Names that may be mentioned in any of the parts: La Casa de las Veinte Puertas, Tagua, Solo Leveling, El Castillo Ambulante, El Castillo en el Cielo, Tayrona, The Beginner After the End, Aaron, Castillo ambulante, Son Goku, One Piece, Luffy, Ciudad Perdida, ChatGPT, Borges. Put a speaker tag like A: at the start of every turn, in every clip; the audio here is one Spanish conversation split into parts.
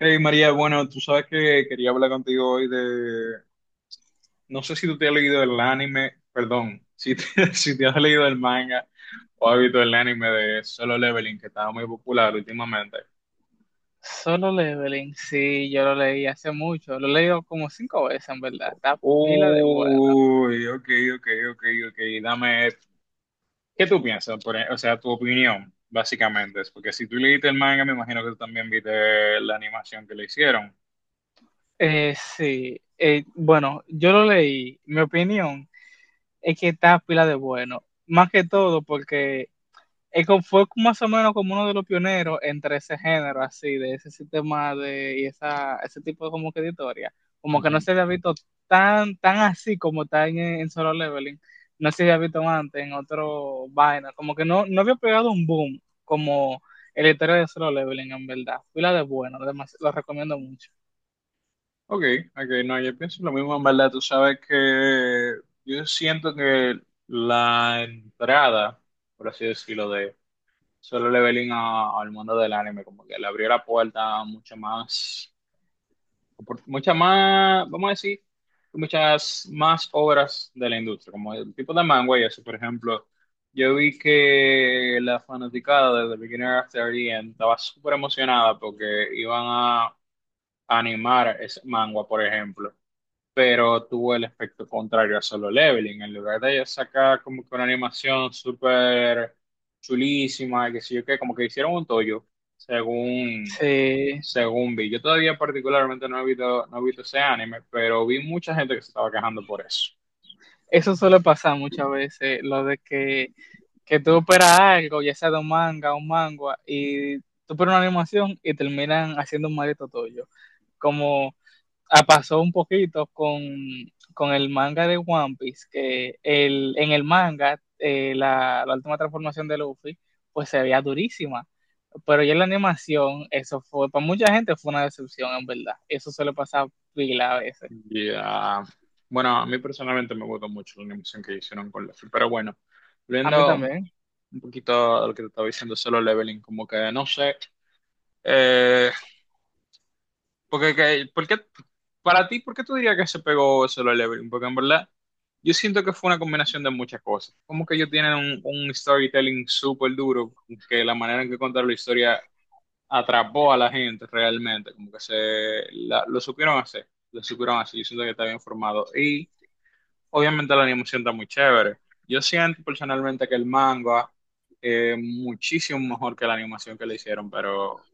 A: Hey María, bueno, tú sabes que quería hablar contigo hoy no sé si tú te has leído el anime, perdón, si te, si te has leído el manga o has visto el anime de Solo Leveling que estaba muy popular últimamente.
B: Solo Leveling, sí, yo lo leí hace mucho, lo he leído como cinco veces en verdad, está pila de buena.
A: Uy, ok, ok, ok, ok, dame, ¿qué tú piensas? O sea, tu opinión, básicamente, es porque si tú leíste el manga, me imagino que tú también viste la animación que le hicieron.
B: Sí, bueno, yo lo leí, mi opinión es que está pila de bueno, más que todo porque fue más o menos como uno de los pioneros entre ese género, así, de ese sistema de, y esa, ese tipo de como que de historia. Como que no se había visto tan así como está en Solo Leveling. No se había visto antes en otro vaina. Como que no, no había pegado un boom como el historia de Solo Leveling, en verdad. Pila de bueno, además, lo recomiendo mucho.
A: Ok, ok, no, yo pienso lo mismo en verdad. Tú sabes que yo siento que la entrada, por así decirlo, de Solo Leveling al mundo del anime, como que le abrió la puerta a mucha más, vamos a decir, muchas más obras de la industria, como el tipo de manga y eso. Por ejemplo, yo vi que la fanaticada de The Beginner After the End estaba súper emocionada porque iban a animar ese manga, por ejemplo, pero tuvo el efecto contrario a Solo Leveling. En lugar de sacar como que una animación súper chulísima, y qué sé yo qué, como que hicieron un tollo, según,
B: Sí,
A: según vi. Yo todavía particularmente no he visto ese anime, pero vi mucha gente que se estaba quejando por eso.
B: eso suele pasar muchas veces, lo de que tú esperas algo, ya sea de un manga o un manga, y tú pones una animación y terminan haciendo un maldito tuyo. Como ah, pasó un poquito con el manga de One Piece, que el, en el manga la, la última transformación de Luffy, pues se veía durísima. Pero ya en la animación, eso fue, para mucha gente fue una decepción, en verdad. Eso suele pasar pila a veces.
A: Y, ah, Bueno, a mí personalmente me gustó mucho la animación que hicieron con Luffy, pero bueno,
B: A mí
A: volviendo un
B: también.
A: un poquito a lo que te estaba diciendo Solo Leveling, como que no sé. Eh, porque, que- ¿por qué- Para ti, ¿por qué tú dirías que se pegó solo el Everin? Porque en verdad, yo siento que fue una combinación de muchas cosas. Como que ellos tienen un storytelling súper duro, que la manera en que contaron la historia atrapó a la gente realmente, como que se la- lo supieron hacer, yo siento que está bien formado. Obviamente la animación está muy chévere. Yo siento personalmente que el manga es muchísimo mejor que la animación que le hicieron, pero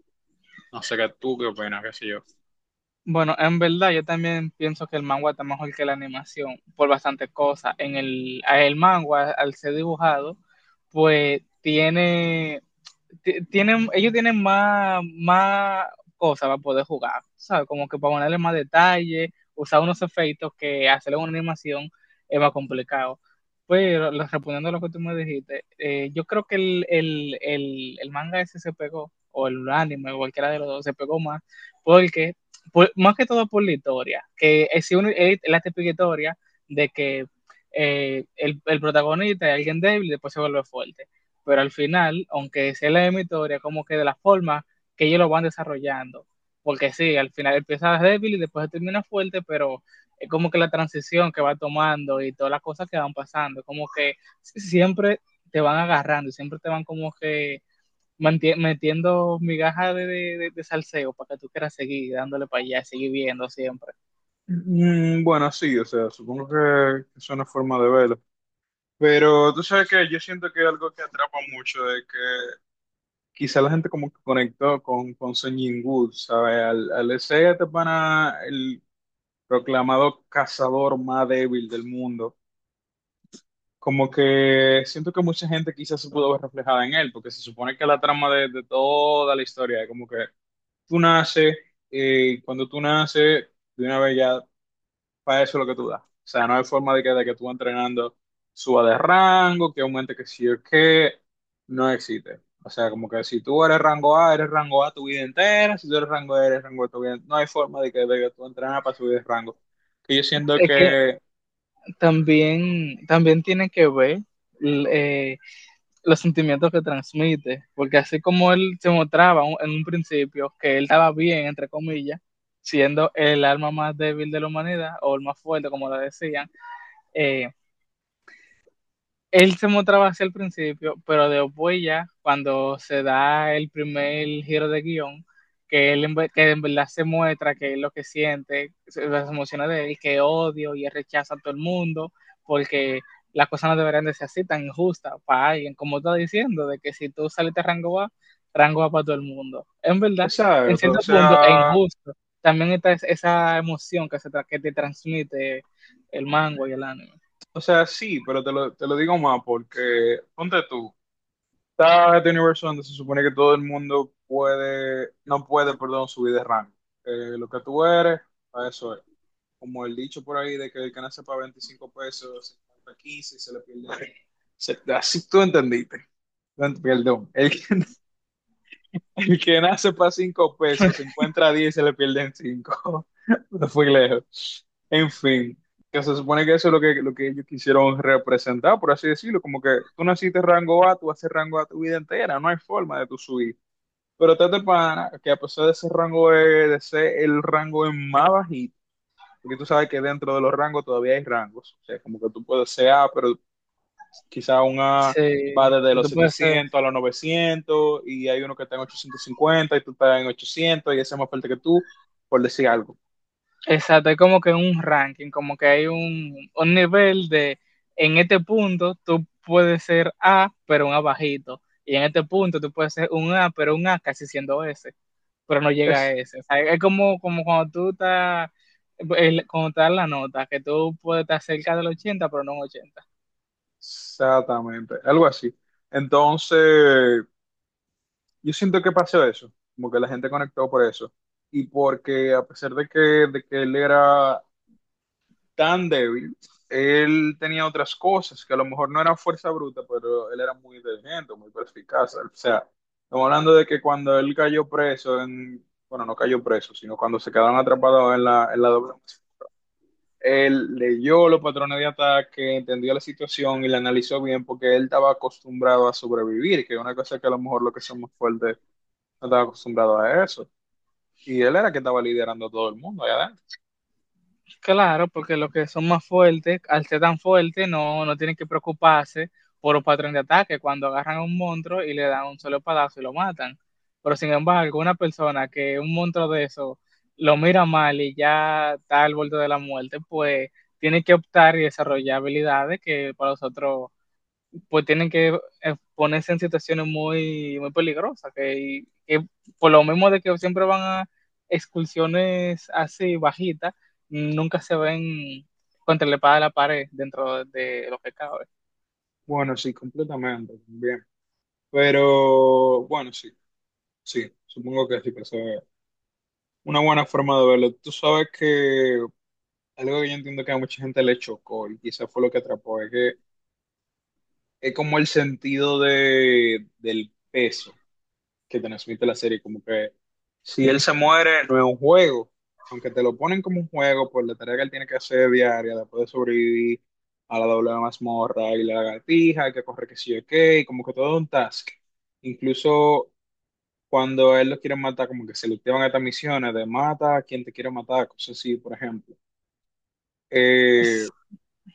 A: no sé qué tú qué opinas, qué sé yo.
B: Bueno, en verdad yo también pienso que el manga está mejor que la animación por bastantes cosas. En el, a el manga, al ser dibujado, pues tiene, ellos tienen más, más cosas para poder jugar, ¿sabes? Como que para ponerle más detalle, usar unos efectos que hacerle una animación es más complicado. Pero respondiendo a lo que tú me dijiste, yo creo que el manga ese se pegó, o el anime, o cualquiera de los dos, se pegó más porque más que todo por la historia, que es, si uno- es la típica historia de que el protagonista es alguien débil y después se vuelve fuerte. Pero al final, aunque sea la misma historia, como que de la forma que ellos lo van desarrollando. Porque sí, al final empieza débil y después termina fuerte, pero es como que la transición que va tomando y todas las cosas que van pasando, como que siempre te van agarrando y siempre te van como que metiendo migajas de, de salseo para que tú quieras seguir dándole para allá, seguir viendo siempre.
A: Mm, bueno, sí, o sea, supongo que es una forma de verlo. Pero tú sabes que yo siento que algo que atrapa mucho es que quizá la gente como que conectó con Son Goku, ¿sabes? Al ese este pana, el proclamado cazador más débil del mundo. Como que siento que mucha gente quizás se pudo ver reflejada en él, porque se supone que la trama de toda la historia es como que tú naces, y cuando tú naces, de una vez ya, para eso es lo que tú das. O sea, no hay forma de que tú entrenando suba de rango, que aumente que sí o que no existe. O sea, como que si tú eres rango A tu vida entera, si tú eres rango A tu vida entera. No hay forma de que tú entrenas para subir de rango. Que yo siento
B: Es que
A: que,
B: también, también tiene que ver l- eh, los sentimientos que transmite, porque así como él se mostraba en un principio que él estaba bien, entre comillas, siendo el alma más débil de la humanidad o el más fuerte, como lo decían, eh, Él se mostraba hacia el principio, pero después ya, cuando se da el primer giro de guión, que que en verdad se muestra que es lo que siente, las emociones de él, que odio y él rechaza a todo el mundo, porque las cosas no deberían de ser así tan injustas para alguien, como está diciendo, de que si tú saliste a rango A, rango A para todo el mundo. En verdad, en
A: exacto, o
B: cierto punto es
A: sea...
B: injusto. También está esa emoción que, que te transmite el mango y el anime.
A: O sea, sí, pero te lo digo más porque, ponte tú, está este universo donde se supone que todo el mundo puede, no puede, perdón, subir de rango. Lo que tú eres, a eso es. Como el dicho por ahí de que el que nace para 25 pesos, se encuentra 15 y se le pierde. Así tú entendiste. No, perdón, el que nace para 5 pesos, se encuentra 10 y se le pierden 5. No fui lejos. En fin, que se supone que eso es lo que ellos quisieron representar, por así decirlo. Como que tú naciste rango A, tú haces rango A tu vida entera, no hay forma de tu subir. Pero está este pana que a pesar de ese rango E, de ser el rango es más bajito, porque tú sabes que dentro de los rangos todavía hay rangos. O sea, como que tú puedes ser A, pero quizá una
B: Sí,
A: va desde los
B: tú puedes ser
A: 700 a los 900 y hay uno que está en 850 y tú estás en 800 y ese es más fuerte que tú, por decir algo.
B: Exacto, es como que un ranking, como que hay un nivel de, en este punto tú puedes ser A, pero un A bajito, y en este punto tú puedes ser un A, pero un A casi siendo S, pero no llega a
A: Es-
B: S. O sea, es como, como cuando tú estás, cuando te dan la nota, que tú puedes estar cerca del 80, pero no un 80.
A: Exactamente, algo así. Entonces, yo siento que pasó eso, como que la gente conectó por eso. Y porque a pesar de que él era tan débil. Él tenía otras cosas que a lo mejor no eran fuerza bruta, pero él era muy inteligente, muy perspicaz. O sea, estamos hablando de que cuando él cayó preso, bueno, no cayó preso, sino cuando se quedaron atrapados en la doble. Él leyó los patrones de ataque, entendió la situación y la analizó bien porque él estaba acostumbrado a sobrevivir, que es una cosa que a lo mejor los que somos fuertes no estaba acostumbrado a eso. Y él era que estaba liderando a todo el mundo allá adentro.
B: Claro, porque los que son más fuertes, al ser tan fuertes, no, no tienen que preocuparse por un patrón de ataque cuando agarran a un monstruo y le dan un solo palazo y lo matan. Pero sin embargo, una persona que un monstruo de eso lo mira mal y ya está al borde de la muerte, pues tiene que optar y desarrollar habilidades que para nosotros pues tienen que ponerse en situaciones muy peligrosas, que por lo mismo de que siempre van a excursiones así bajitas, nunca se ven contra la espada de la pared dentro de lo que cabe.
A: Bueno, sí, completamente, también. Pero bueno, sí, sí, supongo que sí, que eso es una buena forma de verlo. Tú sabes que algo que yo entiendo que a mucha gente le chocó y quizás fue lo que atrapó, es que es como el sentido del peso que transmite la serie, como que si él se muere no es un juego, aunque te lo ponen como un juego por la tarea que él tiene que hacer diaria, después de sobrevivir a la doble mazmorra y la lagartija, que corre que sí o qué, y como que todo es un task. Incluso cuando a él lo quieren matar, como que se le activan estas misiones de mata a quien te quiere matar, cosas así, por ejemplo. Eh,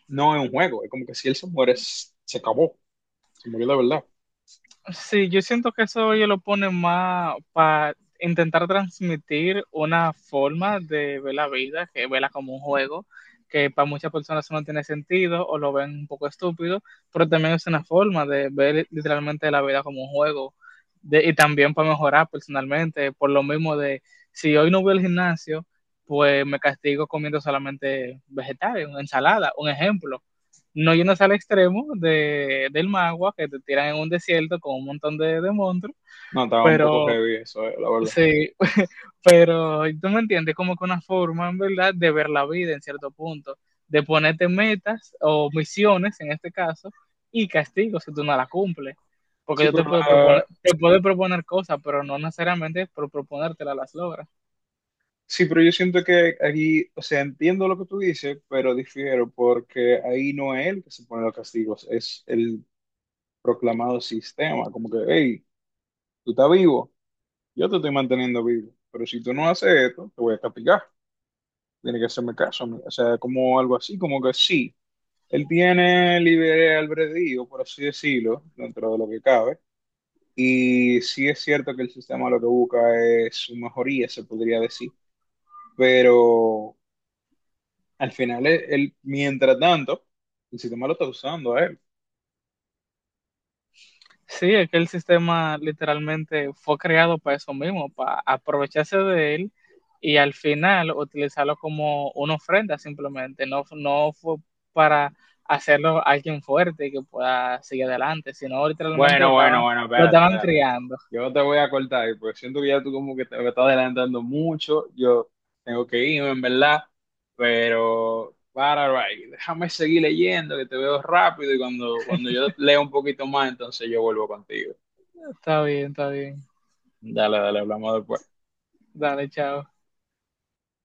A: no es un juego, es como que si él se muere, se acabó, se murió de verdad.
B: Sí, yo siento que eso ellos lo ponen más para intentar transmitir una forma de ver la vida, que verla como un juego, que para muchas personas eso no tiene sentido o lo ven un poco estúpido, pero también es una forma de ver literalmente la vida como un juego y también para mejorar personalmente, por lo mismo de si hoy no voy al gimnasio, pues me castigo comiendo solamente vegetales, una ensalada, un ejemplo no yéndose al extremo de, del magua, que te tiran en un desierto con un montón de monstruos,
A: No, estaba un poco
B: pero
A: heavy eso, la verdad.
B: sí, pero tú me entiendes, como que una forma, en verdad, de ver la vida en cierto punto, de ponerte metas o misiones, en este caso, y castigos si tú no las cumples. Porque
A: Sí,
B: yo
A: pero la-
B: te puedo proponer cosas, pero no necesariamente por proponértelas las logras.
A: sí, pero yo siento que aquí, o sea, entiendo lo que tú dices, pero difiero porque ahí no es él que se pone los castigos, es el proclamado sistema, como que, hey, tú estás vivo, yo te estoy manteniendo vivo, pero si tú no haces esto, te voy a castigar. Tiene que hacerme caso, amiga. O sea, como algo así, como que sí, él tiene libre albedrío, por así decirlo, dentro de lo que cabe. Y sí es cierto que el sistema lo que busca es su mejoría, se podría decir. Pero al final, él, mientras tanto, el sistema lo está usando a él.
B: Sí, es que el sistema literalmente fue creado para eso mismo, para aprovecharse de él y al final utilizarlo como una ofrenda simplemente. No, no fue para hacerlo alguien fuerte que pueda seguir adelante, sino literalmente
A: Bueno, bueno, bueno,
B: lo
A: espérate,
B: estaban
A: espérate.
B: criando.
A: Yo te voy a cortar ahí, porque siento que ya tú como que te me estás adelantando mucho. Yo tengo que irme, en verdad. Pero, para, right, déjame seguir leyendo, que te veo rápido y cuando yo leo un poquito más, entonces yo vuelvo contigo.
B: Está bien, está bien.
A: Dale, dale, hablamos después.
B: Dale, chao.